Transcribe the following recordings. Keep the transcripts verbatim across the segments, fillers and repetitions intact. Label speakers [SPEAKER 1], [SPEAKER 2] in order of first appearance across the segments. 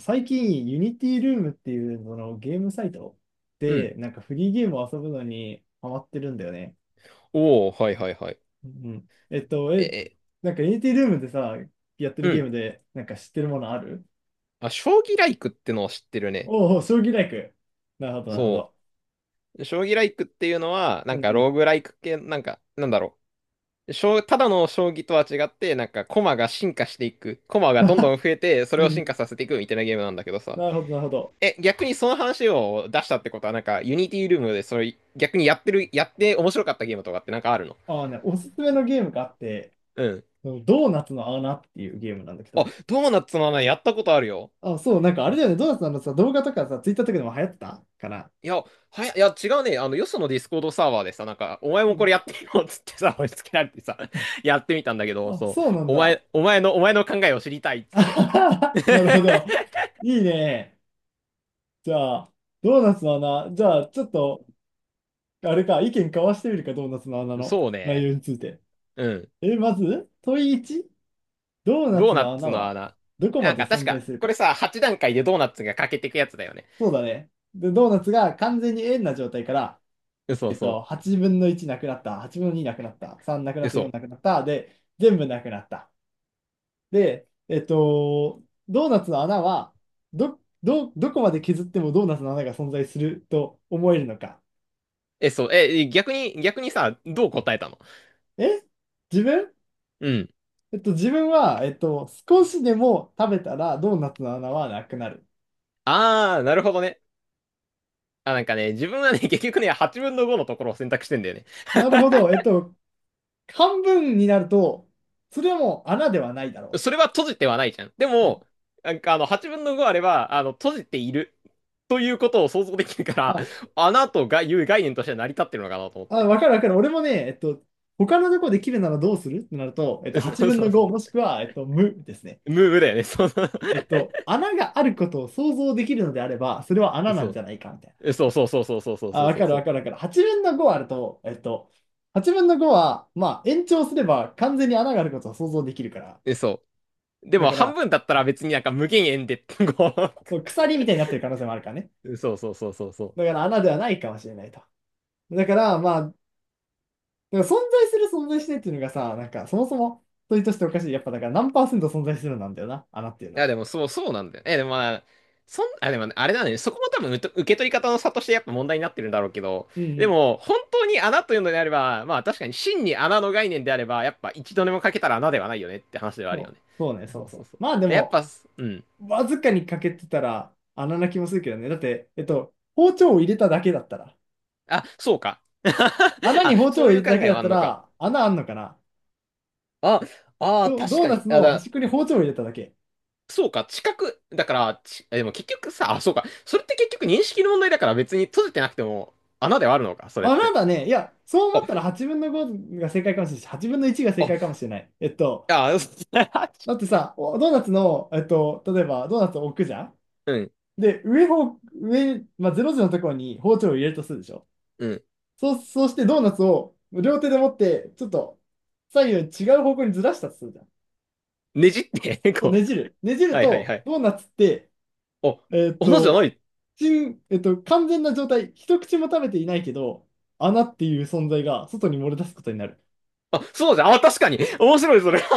[SPEAKER 1] 最近、ユニティルームっていうそのゲームサイト
[SPEAKER 2] うん。
[SPEAKER 1] で、なんかフリーゲームを遊ぶのにハマってるんだよね。
[SPEAKER 2] おお、はいはいはい。
[SPEAKER 1] うん。えっと、
[SPEAKER 2] え
[SPEAKER 1] え、
[SPEAKER 2] え、
[SPEAKER 1] なんかユニティルームでさ、やってる
[SPEAKER 2] う
[SPEAKER 1] ゲー
[SPEAKER 2] ん。
[SPEAKER 1] ムで、なんか知ってるものある？
[SPEAKER 2] あ、将棋ライクってのを知ってるね。
[SPEAKER 1] おお、将棋ライク。なるほど、なるほ
[SPEAKER 2] そ
[SPEAKER 1] ど。
[SPEAKER 2] う。将棋ライクっていうのは、なん
[SPEAKER 1] うんう
[SPEAKER 2] か
[SPEAKER 1] ん。
[SPEAKER 2] ローグライク系、なんか、なんだろう。将ただの将棋とは違って、なんか駒が進化していく。駒がどんど ん増えて、そ
[SPEAKER 1] う
[SPEAKER 2] れを進化
[SPEAKER 1] ん。
[SPEAKER 2] させていくみたいなゲームなんだけどさ。
[SPEAKER 1] なるほど、なるほど。
[SPEAKER 2] え、逆にその話を出したってことは、なんか、ユニティルームで、それ、逆にやってる、やって面白かったゲームとかってなんかあるの？
[SPEAKER 1] ああね、おすすめのゲームがあって、
[SPEAKER 2] うん。
[SPEAKER 1] ドーナツの穴っていうゲームなんだけ
[SPEAKER 2] あ、
[SPEAKER 1] ど、
[SPEAKER 2] ドーナツの穴やったことあるよ。
[SPEAKER 1] あ、そう、なんかあれだよね、ドーナツのあのさ、動画とかさ、ツイッターとかでも流行ってたかな。
[SPEAKER 2] いや、はや、いや、違うね。あの、よそのディスコードサーバーでさ、なんか、お前
[SPEAKER 1] う
[SPEAKER 2] もこ
[SPEAKER 1] ん。
[SPEAKER 2] れやってよっつってさ、押し付けられてさ、
[SPEAKER 1] あ、
[SPEAKER 2] やってみたんだけど、
[SPEAKER 1] あ
[SPEAKER 2] そ
[SPEAKER 1] そう
[SPEAKER 2] う、
[SPEAKER 1] なん
[SPEAKER 2] お
[SPEAKER 1] だ。
[SPEAKER 2] 前、お前の、お前の考えを知りたいっつって。
[SPEAKER 1] なるほど。いいね。じゃあ、ドーナツの穴。じゃあ、ちょっと、あれか、意見交わしてみるか、ドーナツの穴の
[SPEAKER 2] そう
[SPEAKER 1] 内
[SPEAKER 2] ね。
[SPEAKER 1] 容について。
[SPEAKER 2] うん。
[SPEAKER 1] え、まず、問いいち、ドーナ
[SPEAKER 2] ドー
[SPEAKER 1] ツ
[SPEAKER 2] ナ
[SPEAKER 1] の
[SPEAKER 2] ツ
[SPEAKER 1] 穴
[SPEAKER 2] の
[SPEAKER 1] は
[SPEAKER 2] 穴。
[SPEAKER 1] どこ
[SPEAKER 2] な
[SPEAKER 1] ま
[SPEAKER 2] ん
[SPEAKER 1] で
[SPEAKER 2] か、確
[SPEAKER 1] 存在
[SPEAKER 2] か、
[SPEAKER 1] する
[SPEAKER 2] これ
[SPEAKER 1] か。
[SPEAKER 2] さ、はち段階でドーナツが欠けてくやつだよね。
[SPEAKER 1] そうだね。で、ドーナツが完全に円な状態から、
[SPEAKER 2] そう
[SPEAKER 1] えっと、
[SPEAKER 2] そ
[SPEAKER 1] はちぶんのいちなくなった、はちぶんのになくなった、さんなく
[SPEAKER 2] う。
[SPEAKER 1] な
[SPEAKER 2] え、
[SPEAKER 1] った、
[SPEAKER 2] そ
[SPEAKER 1] よん
[SPEAKER 2] う。
[SPEAKER 1] なくなった、で、全部なくなった。で、えっと、ドーナツの穴は、ど、ど、どこまで削ってもドーナツの穴が存在すると思えるのか。
[SPEAKER 2] え、そう。え、逆に、逆にさ、どう答えたの？
[SPEAKER 1] え自分
[SPEAKER 2] うん。
[SPEAKER 1] えっと、自分は、えっと、少しでも食べたらドーナツの穴はなくなる。
[SPEAKER 2] あー、なるほどね。あ、なんかね、自分はね、結局ね、はちぶんのごのところを選択してんだよね。
[SPEAKER 1] なるほど。えっと、半分になると、それはもう穴ではないだろ
[SPEAKER 2] それは閉じてはないじゃん。で
[SPEAKER 1] う
[SPEAKER 2] も、なんかあの、はちぶんのごあれば、あの、閉じているということを想像できるか
[SPEAKER 1] と。
[SPEAKER 2] ら、
[SPEAKER 1] あ、
[SPEAKER 2] 穴とがいう概念として成り立ってるのかなと思っ
[SPEAKER 1] あ、
[SPEAKER 2] て。
[SPEAKER 1] わかるわかる。俺もね、えっと、他のとこで切るならどうするってなると、えっと、8
[SPEAKER 2] そう
[SPEAKER 1] 分
[SPEAKER 2] そ
[SPEAKER 1] の
[SPEAKER 2] うそう。
[SPEAKER 1] ごもしくは、えっと、無ですね。
[SPEAKER 2] ムーブだよね。そうそう。
[SPEAKER 1] えっと、穴があることを想像できるのであれば、それは穴な
[SPEAKER 2] そ
[SPEAKER 1] んじ
[SPEAKER 2] う
[SPEAKER 1] ゃないかみたいな
[SPEAKER 2] え
[SPEAKER 1] 話
[SPEAKER 2] そう
[SPEAKER 1] ね。
[SPEAKER 2] そうそうそうそうそう
[SPEAKER 1] あ、
[SPEAKER 2] そう
[SPEAKER 1] わ
[SPEAKER 2] そう
[SPEAKER 1] かる
[SPEAKER 2] そ
[SPEAKER 1] わか
[SPEAKER 2] う。
[SPEAKER 1] るわかる。はちぶんのごあると、えっと、はちぶんのごは、まあ、延長すれば完全に穴があることを想像できるから。
[SPEAKER 2] えそう。で
[SPEAKER 1] だ
[SPEAKER 2] も
[SPEAKER 1] か
[SPEAKER 2] 半
[SPEAKER 1] ら、
[SPEAKER 2] 分だったら別になんか無限円で、こ
[SPEAKER 1] そう鎖みたいになってる可能性もあるからね。
[SPEAKER 2] う。そうそうそうそうそ
[SPEAKER 1] だ
[SPEAKER 2] う。
[SPEAKER 1] から穴ではないかもしれないと。だから、まあ、だから存在する存在しないっていうのがさ、なんかそもそも問いとしておかしい。やっぱだから何パーセント存在するなんだよな、穴っていう
[SPEAKER 2] い
[SPEAKER 1] の
[SPEAKER 2] や、
[SPEAKER 1] は。
[SPEAKER 2] でも、そう、そうなんだよね。え、でもまあ、そん、あ、でもね、あれだね。そこも多分、受受け取り方の差としてやっぱ問題になってるんだろうけど、
[SPEAKER 1] うんう
[SPEAKER 2] で
[SPEAKER 1] ん。
[SPEAKER 2] も、本当に穴というのであれば、まあ、確かに真に穴の概念であれば、やっぱ一度でもかけたら穴ではないよねって話ではあるよ
[SPEAKER 1] そ
[SPEAKER 2] ね。
[SPEAKER 1] う、そうね、
[SPEAKER 2] そ
[SPEAKER 1] そう
[SPEAKER 2] う
[SPEAKER 1] そ
[SPEAKER 2] そうそう。
[SPEAKER 1] う。まあで
[SPEAKER 2] で、やっ
[SPEAKER 1] も、
[SPEAKER 2] ぱ、うん。
[SPEAKER 1] わずかに欠けてたら穴な気もするけどね。だって、えっと、包丁を入れただけだったら、
[SPEAKER 2] あ、そうか。
[SPEAKER 1] 穴
[SPEAKER 2] あ、
[SPEAKER 1] に包丁
[SPEAKER 2] そ
[SPEAKER 1] を
[SPEAKER 2] う
[SPEAKER 1] 入
[SPEAKER 2] い
[SPEAKER 1] れ
[SPEAKER 2] う
[SPEAKER 1] た
[SPEAKER 2] 考
[SPEAKER 1] だけ
[SPEAKER 2] え
[SPEAKER 1] だ
[SPEAKER 2] は
[SPEAKER 1] っ
[SPEAKER 2] あ
[SPEAKER 1] た
[SPEAKER 2] んのか。
[SPEAKER 1] ら、穴あんのかな？
[SPEAKER 2] あ、ああ、
[SPEAKER 1] ド、
[SPEAKER 2] 確
[SPEAKER 1] ドー
[SPEAKER 2] か
[SPEAKER 1] ナ
[SPEAKER 2] に。
[SPEAKER 1] ツ
[SPEAKER 2] あ、
[SPEAKER 1] の端
[SPEAKER 2] だ、
[SPEAKER 1] っこに包丁を入れただけ。
[SPEAKER 2] そうか、近く、だから、ち、でも結局さ、あ、そうか。それって結局認識の問題だから別に閉じてなくても穴ではあるのか、それっ
[SPEAKER 1] 穴
[SPEAKER 2] て。
[SPEAKER 1] だね。いや、そう思
[SPEAKER 2] あ
[SPEAKER 1] ったらはちぶんのごが正解かもしれないし、はちぶんのいちが正解か
[SPEAKER 2] あ
[SPEAKER 1] もしれない。えっと、
[SPEAKER 2] ああ、
[SPEAKER 1] だってさ、おドーナツの、えっと、例えばドーナツを置くじゃん。
[SPEAKER 2] うん、
[SPEAKER 1] で、上方、上、まあ、ぜろじのところに包丁を入れるとするでしょ？
[SPEAKER 2] うん。
[SPEAKER 1] そう、そうしてドーナツを両手で持って、ちょっと左右違う方向にずらしたとするじゃん。
[SPEAKER 2] ねじって、
[SPEAKER 1] そう、
[SPEAKER 2] こ
[SPEAKER 1] ねじる。ねじ
[SPEAKER 2] う。
[SPEAKER 1] る
[SPEAKER 2] はいはいは
[SPEAKER 1] と、
[SPEAKER 2] い。
[SPEAKER 1] ドーナツって、
[SPEAKER 2] お、
[SPEAKER 1] えーっ
[SPEAKER 2] 斧じゃ
[SPEAKER 1] と、
[SPEAKER 2] ない。
[SPEAKER 1] 真えーっと、完全な状態、一口も食べていないけど、穴っていう存在が外に漏れ出すことになる。
[SPEAKER 2] あ、そうじゃん。あ、確かに。面白い、それ。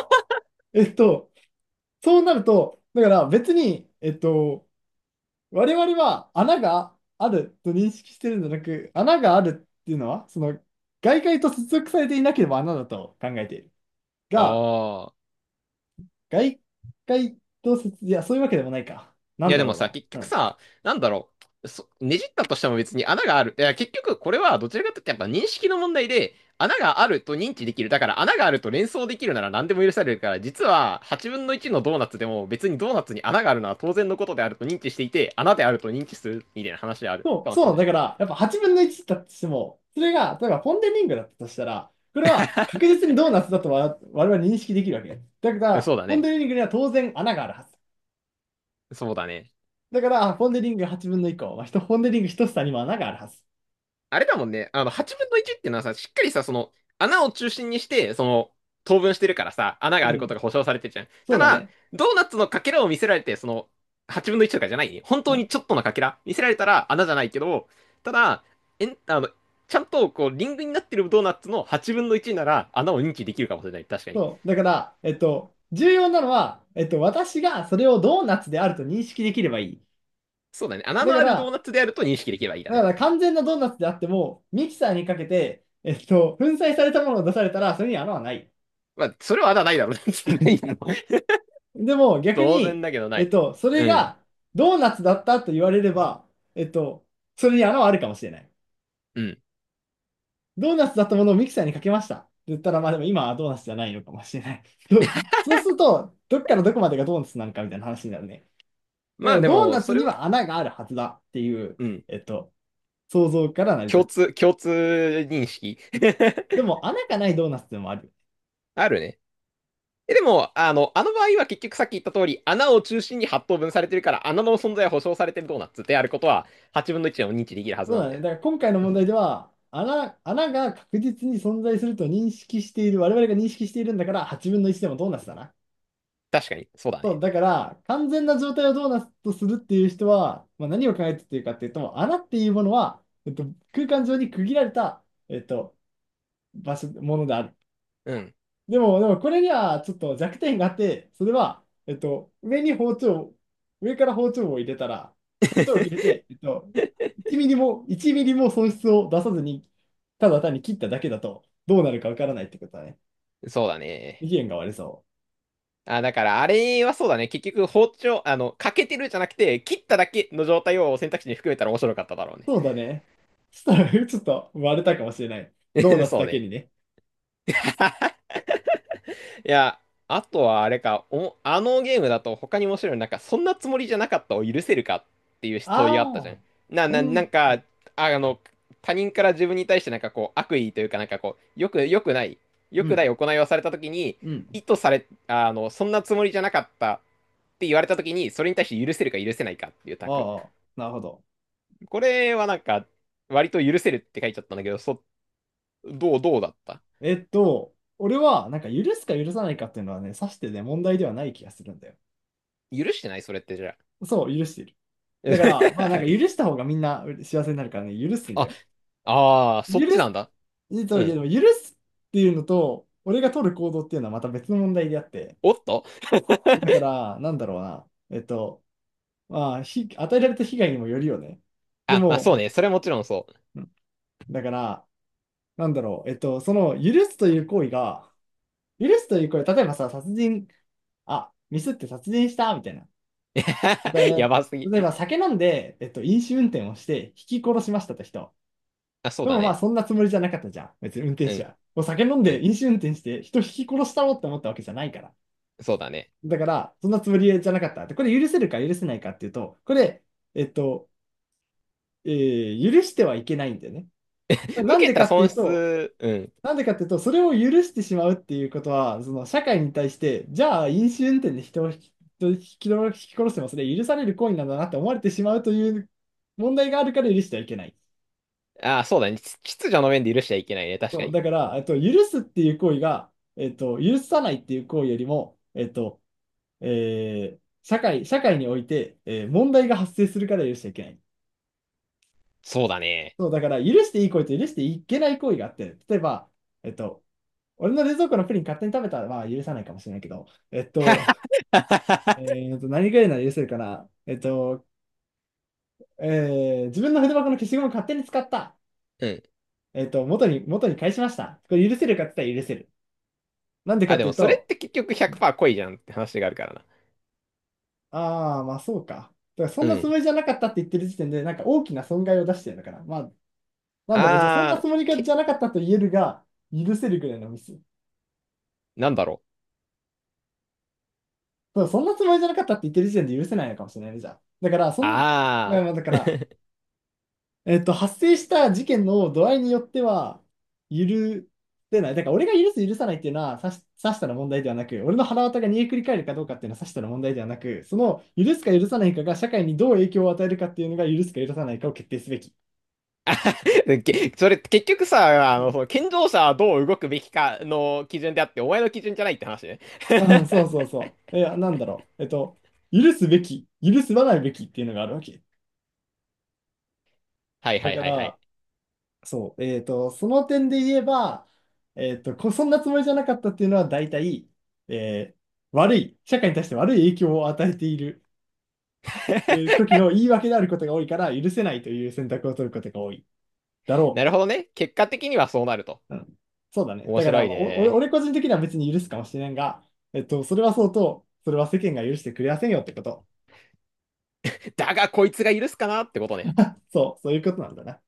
[SPEAKER 1] えーっと、そうなると、だから別に、えーっと、我々は穴があると認識してるんじゃなく、穴があるっていうのは、その、外界と接続されていなければ穴だと考えている。が、
[SPEAKER 2] ああ。
[SPEAKER 1] 外界と接、いや、そういうわけでもないか。な
[SPEAKER 2] い
[SPEAKER 1] ん
[SPEAKER 2] や、
[SPEAKER 1] だ
[SPEAKER 2] でも
[SPEAKER 1] ろ
[SPEAKER 2] さ、結
[SPEAKER 1] うな。う
[SPEAKER 2] 局
[SPEAKER 1] ん。
[SPEAKER 2] さ、なんだろう。そねじったとしても別に穴がある。いや、結局これはどちらかというとやっぱ認識の問題で、穴があると認知できる。だから穴があると連想できるなら何でも許されるから、実ははちぶんのいちのドーナツでも別にドーナツに穴があるのは当然のことであると認知していて、穴であると認知するみたいな話である
[SPEAKER 1] そ
[SPEAKER 2] か
[SPEAKER 1] う、
[SPEAKER 2] も
[SPEAKER 1] そう
[SPEAKER 2] し
[SPEAKER 1] な
[SPEAKER 2] れ
[SPEAKER 1] ん
[SPEAKER 2] ない。
[SPEAKER 1] だから、やっぱはちぶんのいちだとしても、それが、例えばポンデリングだったとしたら、これは確 実にドーナツだとわ我々認識できるわけ。だか
[SPEAKER 2] うん、
[SPEAKER 1] ら、
[SPEAKER 2] そうだ
[SPEAKER 1] ポン
[SPEAKER 2] ね。
[SPEAKER 1] デリングには当然穴があるはず。
[SPEAKER 2] そうだね。
[SPEAKER 1] だから、ポンデリングはちぶんのいっこ、まあ、ひとポンデリングひと房にも穴があるはず。
[SPEAKER 2] あれだもんね。あの、はちぶんのいちっていうのはさ、しっかりさ、その、穴を中心にして、その、等分してるからさ、穴
[SPEAKER 1] う
[SPEAKER 2] があること
[SPEAKER 1] ん、
[SPEAKER 2] が保証されてるじゃん。
[SPEAKER 1] そ
[SPEAKER 2] た
[SPEAKER 1] うだ
[SPEAKER 2] だ、
[SPEAKER 1] ね。
[SPEAKER 2] ドーナツのかけらを見せられて、その、はちぶんのいちとかじゃないね、本
[SPEAKER 1] う
[SPEAKER 2] 当
[SPEAKER 1] ん、
[SPEAKER 2] にちょっとのかけら見せられたら穴じゃないけど、ただ、えん、あの、ちゃんと、こう、リングになってるドーナツのはちぶんのいちなら、穴を認知できるかもしれない。確かに。
[SPEAKER 1] そう。だから、えっと、重要なのは、えっと、私がそれをドーナツであると認識できればいい。
[SPEAKER 2] そうだね。穴
[SPEAKER 1] だ
[SPEAKER 2] の
[SPEAKER 1] か
[SPEAKER 2] あるドー
[SPEAKER 1] ら、
[SPEAKER 2] ナツであると認識できればいいだ
[SPEAKER 1] だか
[SPEAKER 2] ね。
[SPEAKER 1] ら完全なドーナツであっても、ミキサーにかけて、えっと、粉砕されたものを出されたら、それに穴はない。
[SPEAKER 2] まあ、それは穴ないだろうね。ないだろう。
[SPEAKER 1] でも 逆
[SPEAKER 2] 当然
[SPEAKER 1] に、
[SPEAKER 2] だけどな
[SPEAKER 1] えっ
[SPEAKER 2] い。
[SPEAKER 1] と、それ
[SPEAKER 2] うん。
[SPEAKER 1] がドーナツだったと言われれば、えっと、それに穴はあるかもしれない。
[SPEAKER 2] うん。
[SPEAKER 1] ドーナツだったものをミキサーにかけましたって言ったら、まあでも今はドーナツじゃないのかもしれない。そう、そうすると、どっからどこまでがドーナツなのかみたいな話になるね。だ
[SPEAKER 2] ま
[SPEAKER 1] か
[SPEAKER 2] あ
[SPEAKER 1] ら
[SPEAKER 2] で
[SPEAKER 1] ドー
[SPEAKER 2] も、
[SPEAKER 1] ナ
[SPEAKER 2] そ
[SPEAKER 1] ツ
[SPEAKER 2] れ
[SPEAKER 1] に
[SPEAKER 2] を、
[SPEAKER 1] は穴があるはずだっていう、
[SPEAKER 2] うん。
[SPEAKER 1] えっと、想像から成り立
[SPEAKER 2] 共
[SPEAKER 1] つ。
[SPEAKER 2] 通、共通認識
[SPEAKER 1] で も穴がないドーナツでもある。
[SPEAKER 2] あるね。え、でも、あの、あの場合は結局さっき言った通り、穴を中心にはっとうぶんされてるから、穴の存在は保証されてるドーナツであることは、はちぶんのいちでも認知できるはず
[SPEAKER 1] そう
[SPEAKER 2] なん
[SPEAKER 1] だ
[SPEAKER 2] だ
[SPEAKER 1] ね。
[SPEAKER 2] よ。
[SPEAKER 1] だから今回の 問題では、穴、穴が確実に存在すると認識している、我々が認識しているんだから、はちぶんのいちでもドーナツだな。
[SPEAKER 2] 確かに、そうだ
[SPEAKER 1] そう、
[SPEAKER 2] ね。
[SPEAKER 1] だから、完全な状態をどうなとするっていう人は、まあ、何を考えているかっていうと、穴っていうものは、えっと、空間上に区切られた、えっと、場所、ものである。
[SPEAKER 2] うん。
[SPEAKER 1] でも、でもこれにはちょっと弱点があって、それは、えっと、上に包丁、上から包丁を入れたら、包丁を入れて、えっと、いちミリも、いちミリも損失を出さずに、ただ単に切っただけだと、どうなるかわからないってことだね。
[SPEAKER 2] そうだ
[SPEAKER 1] 意
[SPEAKER 2] ね。
[SPEAKER 1] 見が割れそう。
[SPEAKER 2] あ、だから、あれはそうだね。結局、包丁、あの、欠けてるじゃなくて、切っただけの状態を選択肢に含めたら面白かっただろうね。
[SPEAKER 1] そうだね。そしたら、ちょっと割れたかもしれない。ドー ナツ
[SPEAKER 2] そう
[SPEAKER 1] だけ
[SPEAKER 2] ね。
[SPEAKER 1] にね。
[SPEAKER 2] いや、あとはあれか、お、あのゲームだと他に面白いの、なんか、そんなつもりじゃなかったを許せるかっていう問いがあったじゃ
[SPEAKER 1] あ
[SPEAKER 2] ん。な、
[SPEAKER 1] あ、う
[SPEAKER 2] な、な
[SPEAKER 1] ん、
[SPEAKER 2] んか、あ、あの、他人から自分に対してなんかこう、悪意というか、なんかこう、よく、よくない、よ
[SPEAKER 1] う
[SPEAKER 2] くな
[SPEAKER 1] ん、
[SPEAKER 2] い行いをされたときに、
[SPEAKER 1] うん。
[SPEAKER 2] 意図され、あの、そんなつもりじゃなかったって言われたときに、それに対して許せるか許せないかっていうタク。
[SPEAKER 1] ああ、なるほど。
[SPEAKER 2] これはなんか、割と許せるって書いちゃったんだけど、そ、どう、どうだった？
[SPEAKER 1] えっと、俺は、なんか許すか許さないかっていうのはね、さしてね、問題ではない気がするんだよ。
[SPEAKER 2] 許してないそれってじゃあ？
[SPEAKER 1] そう、許している。だから、まあなん
[SPEAKER 2] は
[SPEAKER 1] か許し
[SPEAKER 2] い。
[SPEAKER 1] た方がみんな幸せになるからね、許すんだ
[SPEAKER 2] あ
[SPEAKER 1] よ。
[SPEAKER 2] ああ、そ
[SPEAKER 1] 許
[SPEAKER 2] っちな
[SPEAKER 1] す、
[SPEAKER 2] んだ。
[SPEAKER 1] えっと、
[SPEAKER 2] う
[SPEAKER 1] いや
[SPEAKER 2] ん。
[SPEAKER 1] でも許すっていうのと、俺が取る行動っていうのはまた別の問題であって、
[SPEAKER 2] おっと
[SPEAKER 1] だか ら、なんだろうな。えっと、まあ、ひ与えられた被害にもよるよね。で
[SPEAKER 2] あ、まあ
[SPEAKER 1] も、
[SPEAKER 2] そうね。それはもちろんそう。
[SPEAKER 1] だから、なんだろう、えっと、その許すという行為が、許すという行為、例えばさ、殺人、あ、ミスって殺人したみたいな。あと
[SPEAKER 2] や
[SPEAKER 1] ね
[SPEAKER 2] ばすぎ。
[SPEAKER 1] 例えば酒飲んで、えっと、飲酒運転をして、ひき殺しましたって人。
[SPEAKER 2] あ、そう
[SPEAKER 1] で
[SPEAKER 2] だ
[SPEAKER 1] もまあ、
[SPEAKER 2] ね。
[SPEAKER 1] そんなつもりじゃなかったじゃん。別に運転
[SPEAKER 2] う
[SPEAKER 1] 手
[SPEAKER 2] ん。
[SPEAKER 1] は。お酒飲ん
[SPEAKER 2] う
[SPEAKER 1] で
[SPEAKER 2] ん。
[SPEAKER 1] 飲酒運転して、人ひき殺したろって思ったわけじゃないから。
[SPEAKER 2] そうだね。
[SPEAKER 1] だから、そんなつもりじゃなかった。で、これ許せるか許せないかっていうと、これ、えっと、えー許してはいけないんだよね。
[SPEAKER 2] 受
[SPEAKER 1] なん
[SPEAKER 2] け
[SPEAKER 1] でか
[SPEAKER 2] た
[SPEAKER 1] ってい
[SPEAKER 2] 損
[SPEAKER 1] うと、
[SPEAKER 2] 失、うん。
[SPEAKER 1] なんでかっていうと、それを許してしまうっていうことは、その社会に対して、じゃあ飲酒運転で人を引き、人を引き殺してもそれ許される行為なんだなって思われてしまうという問題があるから許してはいけない。
[SPEAKER 2] あ、そうだね。秩秩序の面で許しちゃいけないね。確か
[SPEAKER 1] そう、
[SPEAKER 2] に。
[SPEAKER 1] だから、えっと、許すっていう行為が、えっと、許さないっていう行為よりも、えっと、えー社会、社会において、えー問題が発生するから許しちゃいけない。
[SPEAKER 2] そうだね。
[SPEAKER 1] そう、だから、許していい行為と許していけない行為があって、例えば、えっと、俺の冷蔵庫のプリン勝手に食べたら、まあ許さないかもしれないけど、えっと、え ーっと、何がいいな、ら許せるかな。えっと、えー自分の筆箱の消しゴムを勝手に使った。
[SPEAKER 2] うん。
[SPEAKER 1] えっと、元に、元に返しました。これ許せるかって言ったら許せる。なんでか
[SPEAKER 2] あ、
[SPEAKER 1] っ
[SPEAKER 2] で
[SPEAKER 1] てい
[SPEAKER 2] も
[SPEAKER 1] う
[SPEAKER 2] それっ
[SPEAKER 1] と、
[SPEAKER 2] て結局ひゃくパーセント恋じゃんって話があるからな。
[SPEAKER 1] ああ、まあそうか。だからそん
[SPEAKER 2] う
[SPEAKER 1] なつも
[SPEAKER 2] ん。
[SPEAKER 1] りじゃなかったって言ってる時点で、なんか大きな損害を出してるのかな。まあ、なんだろう、じゃあそんな
[SPEAKER 2] あー、
[SPEAKER 1] つもりがじ
[SPEAKER 2] け、
[SPEAKER 1] ゃなかったと言えるが、許せるぐらいのミス。
[SPEAKER 2] なんだろう。
[SPEAKER 1] そう、そんなつもりじゃなかったって言ってる時点で許せないのかもしれないね、じゃあ。だから、そんな、まあ
[SPEAKER 2] あ
[SPEAKER 1] まあだから、
[SPEAKER 2] ー。
[SPEAKER 1] えっと、発生した事件の度合いによっては、許せない。だから、俺が許す、許さないっていうのは、さし、さしたら問題ではなく、俺の腹渡が煮えくり返るかどうかっていうのは、さしたら問題ではなく、その、許すか許さないかが、社会にどう影響を与えるかっていうのが、許すか許さないかを決定すべき。
[SPEAKER 2] けそれ結局さ、あ
[SPEAKER 1] う
[SPEAKER 2] の、
[SPEAKER 1] ん
[SPEAKER 2] その健常者はどう動くべきかの基準であって、お前の基準じゃないって話ね。
[SPEAKER 1] うん、そうそうそう。え、なんだろう。えっと、許すべき、許すばないべきっていうのがあるわけ。
[SPEAKER 2] はいは
[SPEAKER 1] だ
[SPEAKER 2] い
[SPEAKER 1] か
[SPEAKER 2] はいはい。
[SPEAKER 1] ら、そう、えっと、その点で言えば、えっと、こ、そんなつもりじゃなかったっていうのは大体、えー悪い、社会に対して悪い影響を与えている、えー時の言い訳であることが多いから許せないという選択を取ることが多いだ
[SPEAKER 2] な
[SPEAKER 1] ろ
[SPEAKER 2] るほどね。結果的にはそうなると。
[SPEAKER 1] う。うん、そうだね。
[SPEAKER 2] 面
[SPEAKER 1] だから、
[SPEAKER 2] 白い
[SPEAKER 1] お、俺、
[SPEAKER 2] ね。
[SPEAKER 1] 俺個人的には別に許すかもしれんが、えっと、それはそうと、それは世間が許してくれやせんよってこと。
[SPEAKER 2] だが、こいつが許すかなってことね。
[SPEAKER 1] そう、そういうことなんだな。